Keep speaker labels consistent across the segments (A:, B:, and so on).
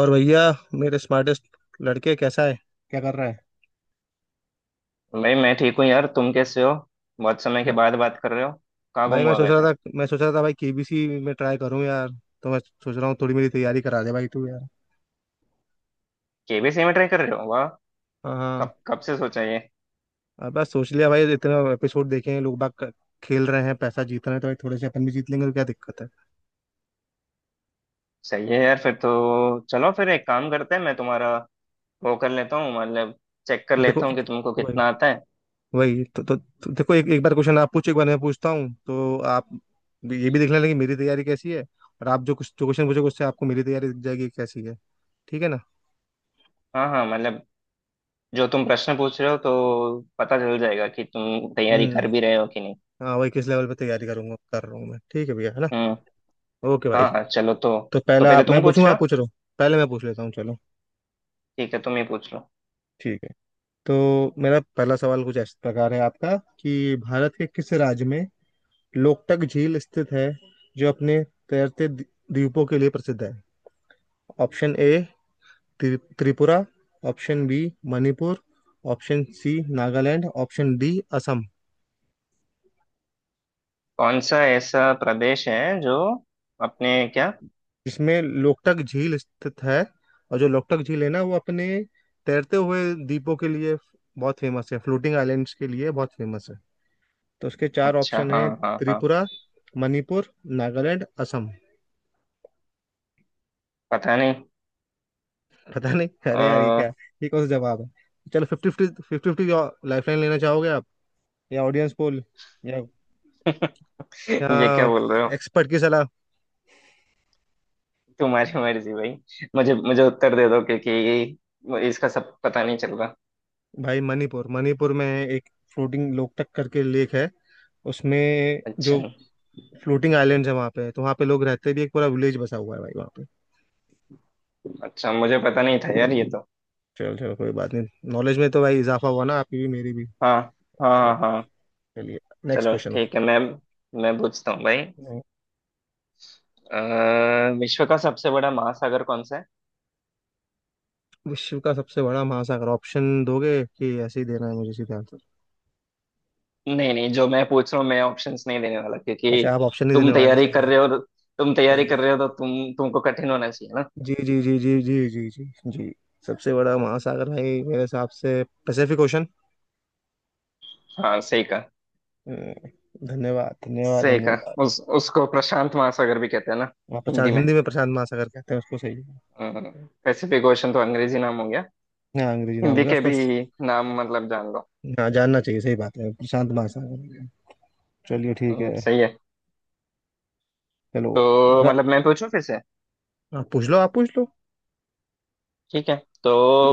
A: और भैया, मेरे स्मार्टेस्ट लड़के, कैसा है? क्या कर रहा है?
B: भाई, मैं ठीक हूँ यार। तुम कैसे हो? बहुत समय के
A: मैं-।
B: बाद बात कर रहे हो। कहाँ गुम
A: भाई मैं
B: हुआ
A: सोच
B: गए
A: रहा
B: थे?
A: था मैं सोच रहा था भाई केबीसी में ट्राई करूँ यार, तो मैं सोच रहा हूँ थोड़ी मेरी तैयारी करा दे भाई तू यार।
B: केबीसी में ट्राई कर रहे हो, वाह।
A: हाँ, हाँ।
B: कब कब से सोचा ये?
A: अब बस सोच लिया भाई, इतना एपिसोड देखे हैं लोग बाग, क- खेल रहे हैं, पैसा जीत रहे हैं, तो भाई थोड़े से अपन भी जीत लेंगे, तो क्या दिक्कत है?
B: सही है यार, फिर तो चलो। फिर एक काम करते हैं, मैं तुम्हारा वो कर लेता हूँ, मतलब चेक कर
A: देखो,
B: लेता हूँ कि तुमको
A: वही,
B: कितना आता है।
A: वही तो देखो, एक एक बार क्वेश्चन आप पूछो, एक बार मैं पूछता हूँ, तो आप भी- ये भी देख लेना कि मेरी तैयारी कैसी है, और आप जो कुछ जो क्वेश्चन पूछोगे उससे आपको मेरी तैयारी दिख जाएगी कैसी है। ठीक है ना?
B: हाँ हाँ, मतलब जो तुम प्रश्न पूछ रहे हो, तो पता चल जाएगा कि तुम तैयारी कर
A: हम्म।
B: भी रहे हो कि नहीं।
A: हाँ, वही, किस लेवल पे तैयारी करूंगा, कर रहा हूँ मैं, ठीक है भैया, है ना?
B: हम्म।
A: ओके भाई।
B: हाँ हाँ, चलो तो।
A: तो
B: तो
A: पहला,
B: पहले
A: आप,
B: तुम
A: मैं
B: पूछ
A: पूछूंगा,
B: रहे
A: आप
B: हो?
A: पूछ रहे हो, पहले मैं पूछ लेता हूँ, चलो।
B: ठीक है, तुम ही पूछ लो।
A: ठीक है। तो मेरा पहला सवाल कुछ इस प्रकार है आपका कि भारत के किस राज्य में लोकटक झील स्थित है, जो अपने तैरते द्वीपों के लिए प्रसिद्ध है? Option A Tripura, option B Manipur, option C Nagaland, option D Assam.
B: कौन सा ऐसा प्रदेश है जो अपने, क्या?
A: जिसमें लोकटक झील स्थित है, और जो लोकटक झील है ना, वो अपने तैरते हुए द्वीपों के लिए बहुत फेमस है, फ्लोटिंग आइलैंड्स के लिए बहुत फेमस है। तो उसके चार
B: अच्छा,
A: ऑप्शन
B: हाँ
A: है:
B: हाँ हाँ।
A: त्रिपुरा, मणिपुर, नागालैंड, असम।
B: पता नहीं।
A: पता नहीं? अरे यार, ये क्या?
B: आ,
A: ये कौन सा जवाब है? चलो, fifty fifty, fifty fifty lifeline लेना चाहोगे आप? या ऑडियंस पोल? या
B: ये क्या
A: या
B: बोल रहे हो?
A: एक्सपर्ट की सलाह?
B: तुम्हारी मर्जी भाई। मुझे मुझे उत्तर दे दो, क्योंकि इसका सब पता नहीं चल रहा।
A: भाई, मणिपुर मणिपुर में एक फ्लोटिंग लोकटक करके लेक है, उसमें
B: अच्छा।
A: जो फ्लोटिंग आइलैंड्स है वहाँ पे, तो वहाँ पे लोग रहते भी, एक पूरा विलेज बसा हुआ है भाई वहाँ पे।
B: अच्छा, मुझे पता नहीं था यार, ये तो।
A: चलो चलो, कोई बात नहीं, नॉलेज में तो भाई इजाफा हुआ ना, आपकी भी, मेरी भी।
B: हाँ। हाँ
A: चलो।
B: हाँ हाँ।
A: चलिए, नेक्स्ट
B: चलो
A: क्वेश्चन।
B: ठीक है। मैं पूछता हूँ भाई। विश्व का सबसे बड़ा महासागर कौन सा है?
A: विश्व का सबसे बड़ा महासागर? ऑप्शन दोगे कि ऐसे ही देना है मुझे सीधा आंसर?
B: नहीं नहीं, जो मैं पूछ रहा हूँ, मैं ऑप्शंस नहीं देने वाला,
A: अच्छा,
B: क्योंकि
A: आप ऑप्शन नहीं देने
B: तुम
A: वाले,
B: तैयारी
A: सही
B: कर
A: है।
B: रहे हो। तुम तैयारी
A: सही है।
B: कर रहे हो तो तुमको कठिन होना चाहिए ना।
A: जी, जी, जी, जी, जी, जी, जी। जी। सबसे बड़ा महासागर है मेरे हिसाब से पैसिफिक ओशन।
B: हाँ सही।
A: धन्यवाद, धन्यवाद,
B: सही
A: धन्यवाद।
B: कहा। उस उसको प्रशांत महासागर भी कहते हैं ना?
A: वहाँ
B: हिंदी
A: प्रशांत,
B: में?
A: हिंदी में प्रशांत महासागर कहते हैं उसको, सही है।
B: हम्म, पैसिफिक ओशन तो अंग्रेजी नाम हो गया।
A: हाँ, अंग्रेजी नाम हो
B: हिंदी
A: गया
B: के
A: उसको।
B: भी नाम मतलब जान लो।
A: हाँ, जानना चाहिए, सही बात है, प्रशांत महासागर। चलिए, ठीक है।
B: सही है।
A: चलो।
B: तो
A: मेरा,
B: मतलब मैं पूछूं फिर से?
A: आप पूछ लो, आप पूछ लो।
B: ठीक है, तो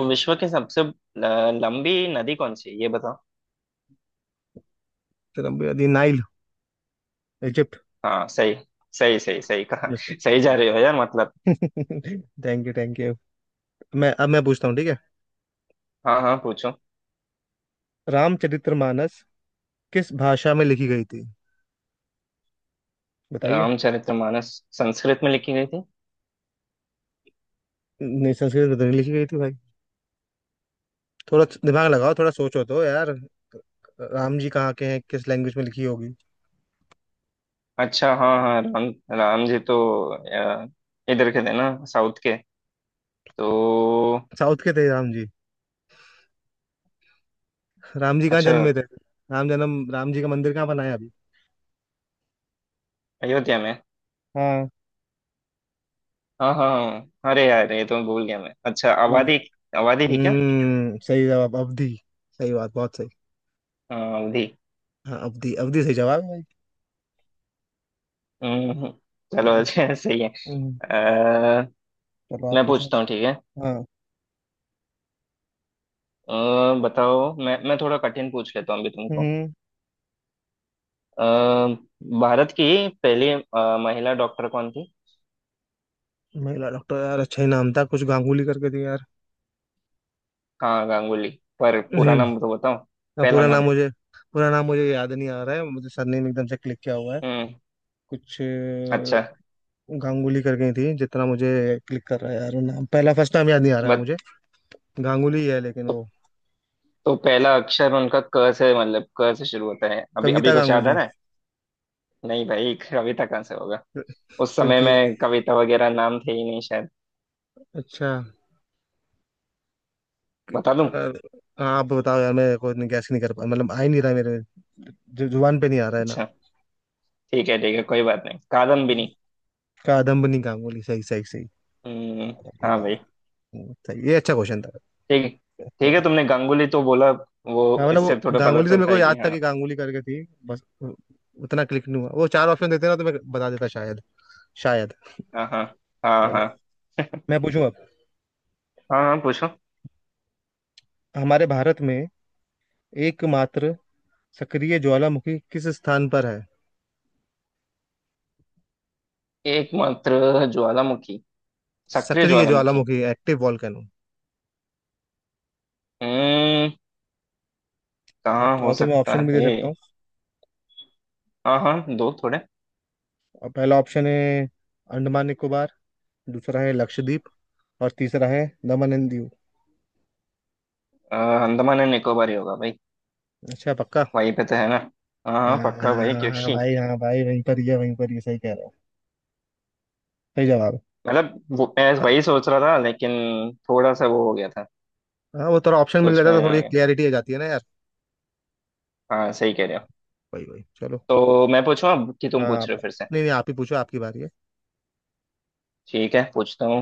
B: विश्व की सबसे लंबी नदी कौन सी है, ये बताओ।
A: तेरा दी नाइल, इजिप्ट।
B: हाँ सही सही सही सही कहा।
A: मिस्र।
B: सही जा रहे हो यार, मतलब।
A: Thank you, thank you. मैं अब मैं पूछता हूँ, ठीक है।
B: हाँ हाँ, पूछो।
A: रामचरितमानस किस भाषा में लिखी गई थी? बताइए।
B: रामचरितमानस संस्कृत में लिखी गई थी।
A: नहीं, संस्कृत में तो नहीं लिखी गई थी भाई। थोड़ा दिमाग लगाओ, थोड़ा सोचो तो यार। राम जी कहाँ के हैं? किस लैंग्वेज में लिखी होगी?
B: अच्छा, हाँ हाँ, राम राम जी तो अ, इधर के थे ना, साउथ के, तो।
A: साउथ के थे राम जी? राम जी कहाँ
B: अच्छा।
A: जन्मे थे? राम जन्म, राम जी का मंदिर कहाँ बनाया अभी?
B: अयोध्या में।
A: हाँ।
B: हाँ हाँ हाँ, अरे यार ये तो मैं भूल गया। मैं, अच्छा, आबादी, आबादी थी क्या?
A: हम्म, सही जवाब, अवधि। सही बात, बहुत सही।
B: हाँ, अवधि।
A: हाँ, अवधि, अवधि सही जवाब है भाई।
B: हम्म, चलो
A: हम्म,
B: अच्छा। सही है।
A: हम्म,
B: अ,
A: चलो आप
B: मैं
A: पूछो।
B: पूछता हूँ, ठीक है?
A: हाँ।
B: अ, बताओ, मैं थोड़ा कठिन पूछ लेता हूँ अभी तुमको।
A: हम्म।
B: अ, भारत की पहली महिला डॉक्टर कौन थी?
A: महिला डॉक्टर, यार अच्छा ही नाम था कुछ, गांगुली करके दिया यार।
B: हाँ गांगुली, पर पूरा नाम
A: हम्म।
B: तो बताओ।
A: अब
B: पहला नाम।
A: पूरा नाम मुझे याद नहीं आ रहा है, मुझे सरनेम एकदम से क्लिक किया हुआ है।
B: हम्म।
A: कुछ
B: अच्छा।
A: गांगुली करके थी जितना मुझे क्लिक कर रहा है यार, वो नाम, पहला फर्स्ट नाम याद नहीं आ रहा है
B: बत,
A: मुझे। गांगुली है लेकिन
B: तो,
A: वो,
B: तो पहला अक्षर उनका क से, मतलब क से शुरू होता है, अभी अभी
A: कविता
B: कुछ याद आ
A: गांगुली?
B: रहा है। नहीं भाई, अभी तक कहाँ से होगा? उस समय
A: क्योंकि,
B: में कविता वगैरह नाम थे ही नहीं शायद।
A: अच्छा
B: बता दूं?
A: यार। हाँ, आप बताओ यार, मैं कोई गैस नहीं कर पा, मतलब आ ही नहीं रहा, मेरे जुबान पे नहीं आ रहा है ना।
B: अच्छा, ठीक है ठीक है, कोई बात नहीं, कादम्बिनी।
A: कादम्बनी गांगुली, सही, सही, सही।
B: हम्म।
A: कादम्बनी
B: हाँ भाई।
A: गांगुली। सही, ये अच्छा क्वेश्चन था।
B: ठीक ठीक है, तुमने गांगुली तो बोला वो,
A: हाँ, मतलब
B: इससे
A: वो
B: थोड़ा पता
A: गांगुली तो मेरे
B: चलता
A: को
B: है कि
A: याद था
B: हाँ
A: कि गांगुली करके थी बस, उतना क्लिक नहीं हुआ। वो चार ऑप्शन देते ना तो मैं बता देता शायद, शायद।
B: हाँ हाँ। हाँ
A: चलो,
B: हाँ।
A: मैं पूछूं अब।
B: हाँ हाँ, पूछो।
A: हमारे भारत में एकमात्र सक्रिय ज्वालामुखी किस स्थान पर है?
B: एकमात्र ज्वालामुखी। सक्रिय
A: सक्रिय
B: ज्वालामुखी।
A: ज्वालामुखी, एक्टिव वॉल्केनो।
B: हम्म।
A: आप
B: कहाँ हो
A: चाहो तो मैं
B: सकता
A: ऑप्शन भी दे
B: है?
A: सकता हूँ।
B: हाँ हाँ, दो थोड़े।
A: और पहला ऑप्शन है अंडमान निकोबार, दूसरा है लक्षद्वीप, और तीसरा है दमन एंड दीव।
B: अ, अंडमान एंड निकोबार ही होगा भाई,
A: अच्छा, पक्का?
B: वहीं पे तो है ना। हाँ हाँ, पक्का भाई,
A: हाँ
B: क्योंकि
A: भाई, हाँ भाई, वहीं पर ही है, वहीं पर, ये सही कह रहा हूँ, सही जवाब
B: मतलब वो मैं
A: है।
B: वही सोच रहा था, लेकिन थोड़ा सा वो हो गया था,
A: हाँ, वो थोड़ा ऑप्शन मिल
B: सोच
A: जाता
B: में
A: है तो
B: आ
A: थोड़ी
B: गया।
A: क्लियरिटी आ जाती है ना यार।
B: हाँ, सही कह रहे हो।
A: वही, वही, चलो।
B: तो मैं पूछूं अब, कि तुम
A: हाँ।
B: पूछ रहे हो फिर से?
A: नहीं, नहीं, आप ही पूछो, आपकी बारी है।
B: ठीक है, पूछता हूँ।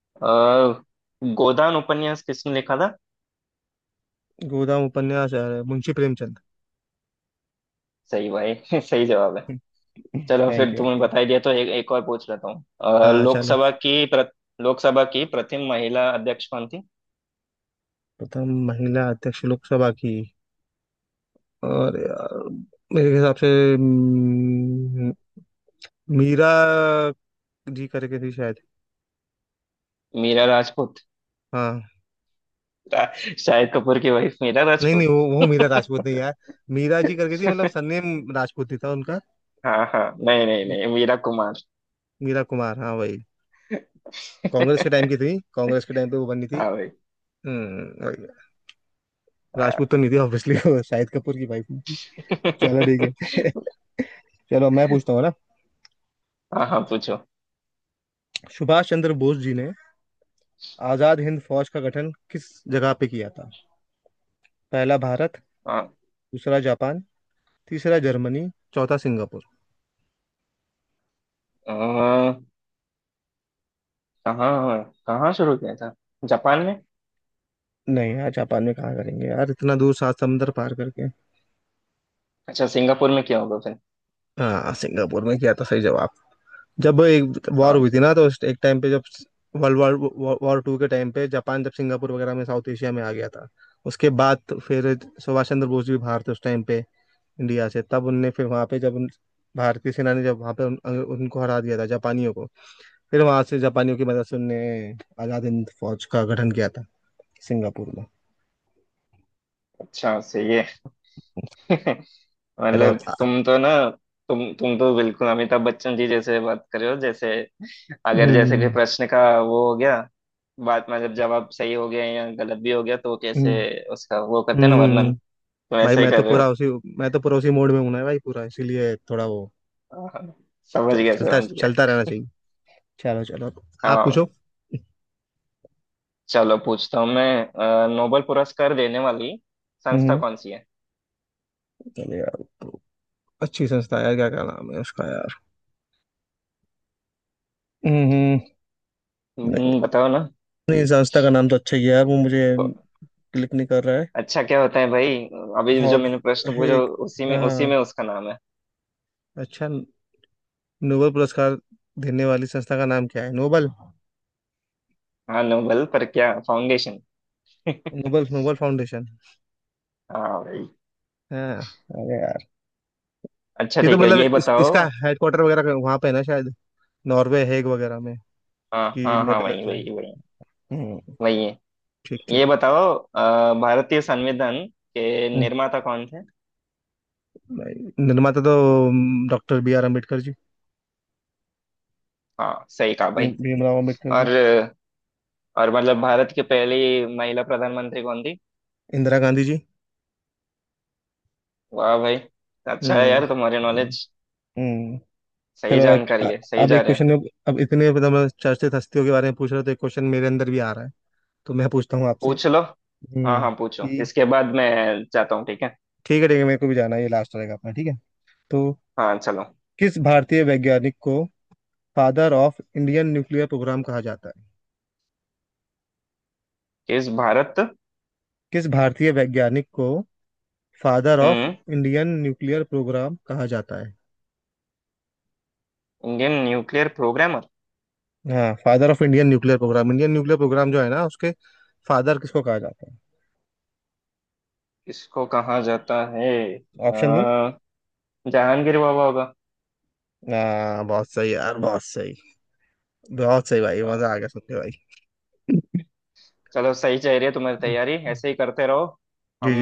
B: अ, गोदान उपन्यास किसने लिखा था?
A: गोदाम उपन्यास, मुंशी प्रेमचंद।
B: सही भाई। सही जवाब है। चलो, फिर
A: थैंक यू।
B: तुमने बता ही दिया तो एक एक और पूछ लेता हूँ।
A: हाँ, चलो।
B: लोकसभा की लोकसभा की प्रथम महिला अध्यक्ष कौन थी?
A: प्रथम महिला अध्यक्ष लोकसभा की? और यार, मेरे हिसाब से, हम्म, मीरा जी करके थी शायद।
B: मीरा राजपूत?
A: हाँ।
B: रा- शाहिद कपूर की वाइफ मीरा
A: नहीं, नहीं,
B: राजपूत?
A: वो मीरा राजपूत नहीं यार, मीरा जी करके थी, मतलब सरनेम राजपूत ही था उनका।
B: हाँ हाँ, नहीं नहीं
A: मी-
B: नहीं, मीरा कुमार।
A: मीरा कुमार, हाँ, वही। कांग्रेस के टाइम की थी, कांग्रेस के टाइम पे वो बनी थी।
B: हाँ भाई।
A: हम्म, वही। राजपूत तो नहीं थी ऑब्वियसली, वो शाहिद कपूर की वाइफ थी। चलो, ठीक
B: हाँ।
A: है। चलो, मैं पूछता हूँ ना।
B: हाँ हाँ, पूछो।
A: सुभाष चंद्र बोस जी ने आजाद हिंद फौज का गठन किस जगह पे किया था? पहला भारत,
B: हाँ।
A: दूसरा जापान, तीसरा जर्मनी, चौथा सिंगापुर।
B: अह, कहाँ कहाँ शुरू किया था? जापान में?
A: नहीं यार, जापान में कहाँ करेंगे यार, इतना दूर, सात समंदर पार करके।
B: अच्छा, सिंगापुर में किया होगा फिर।
A: हाँ, सिंगापुर में किया था, सही जवाब। जब एक वॉर
B: हाँ।
A: हुई थी ना, तो उस एक टाइम पे, जब वर्ल्ड वॉर वॉर टू के टाइम पे जापान जब सिंगापुर वगैरह में साउथ एशिया में आ गया था, उसके बाद तो फिर सुभाष चंद्र बोस भी बाहर थे उस टाइम पे इंडिया से, तब उनने फिर वहाँ पे, जब भारतीय सेना ने जब वहाँ पे उनको हरा दिया था जापानियों को, फिर वहाँ से जापानियों की मदद से उनने आजाद हिंद फौज का गठन किया था सिंगापुर में।
B: अच्छा, सही है।
A: चलो
B: मतलब
A: अब।
B: तुम तो ना, तुम तो बिल्कुल अमिताभ बच्चन जी जैसे बात कर रहे हो, जैसे अगर जैसे कि
A: हम्म।
B: प्रश्न का वो हो गया, बात मतलब जवाब सही हो गया या गलत भी हो गया, तो कैसे
A: हम्म।
B: उसका वो करते हैं ना, वर्णन।
A: हम्म।
B: तो
A: भाई
B: ऐसे ही
A: मैं
B: कर
A: तो
B: रहे
A: पूरा
B: हो।
A: उसी मैं तो पूरा उसी मोड में हूं ना भाई, पूरा, इसीलिए थोड़ा वो।
B: हाँ, हाँ, समझ गया
A: चलता
B: समझ गया।
A: चलता रहना चाहिए। चलो, चलो। आप
B: हाँ
A: पूछो।
B: चलो, पूछता हूँ मैं नोबेल पुरस्कार देने वाली संस्था
A: हम्म।
B: कौन सी है?
A: चलो यार, तो अच्छी संस्था है यार, क्या क्या नाम है उसका यार। हम्म। नहीं,
B: बताओ ना।
A: नहीं, संस्था का नाम तो अच्छा ही है यार, वो मुझे
B: ब-
A: क्लिक नहीं कर रहा है।
B: अच्छा, क्या होता है भाई, अभी जो
A: हॉब,
B: मैंने प्रश्न
A: हे,
B: पूछा, उसी
A: हाँ,
B: में उसका नाम है।
A: अच्छा। नोबेल पुरस्कार देने वाली संस्था का नाम क्या है? नोबल।
B: हाँ, नोबल, पर क्या? फाउंडेशन?
A: Nobel, Nobel foundation.
B: हाँ भाई।
A: हाँ। अरे यार
B: अच्छा
A: ये तो,
B: ठीक है,
A: मतलब
B: ये बताओ।
A: इसका हेडक्वार्टर वगैरह वहां पे है ना शायद, नॉर्वे, हेग वगैरह में,
B: हाँ
A: कि
B: हाँ हाँ, वही
A: नेदरलैंड्स में।
B: वही वही।
A: हम्म।
B: वही है।
A: ठीक, ठीक।
B: ये बताओ, भारतीय संविधान के
A: हम्म,
B: निर्माता कौन थे?
A: निर्माता तो doctor B R Ambedkar ji,
B: हाँ, सही कहा भाई।
A: भीमराव अम्बेडकर जी।
B: और और मतलब भारत की पहली महिला प्रधानमंत्री कौन थी?
A: इंदिरा गांधी जी।
B: वाह भाई, अच्छा है
A: हम्म।
B: यार तुम्हारी
A: हम्म।
B: नॉलेज।
A: हम्म।
B: सही
A: चलो, एक,
B: जानकारी है, सही
A: अब
B: जा
A: एक
B: रहे हो।
A: क्वेश्चन में, अब इतने, मतलब मैं, चर्चित हस्तियों के बारे में पूछ रहे हो तो एक क्वेश्चन मेरे अंदर भी आ रहा है, तो मैं पूछता हूँ आपसे।
B: पूछ लो। हाँ
A: हम्म,
B: हाँ, पूछो,
A: कि-
B: इसके बाद मैं जाता हूँ, ठीक है।
A: ठीक है, ठीक है, मेरे को भी जाना है, ये लास्ट रहेगा अपना, ठीक है। तो
B: हाँ चलो।
A: किस भारतीय वैज्ञानिक को father of Indian nuclear programme कहा जाता है?
B: किस भारत।
A: किस भारतीय वैज्ञानिक को फादर ऑफ
B: हम्म।
A: इंडियन न्यूक्लियर प्रोग्राम कहा जाता है?
B: Indian nuclear programmer.
A: हाँ, father of Indian nuclear programme, Indian nuclear programme जो है ना, उसके फादर किसको कहा जाता है?
B: किसको कहा जाता है?
A: ऑप्शन दूं?
B: अ, जहांगीर बाबा होगा।
A: बहुत सही यार, बहुत सही। बहुत सही भाई,
B: अ,
A: मजा आ गया सुन के भाई।
B: चलो, सही चल रही है तुम्हारी तैयारी, ऐसे ही करते रहो।
A: जी, जी।
B: हम।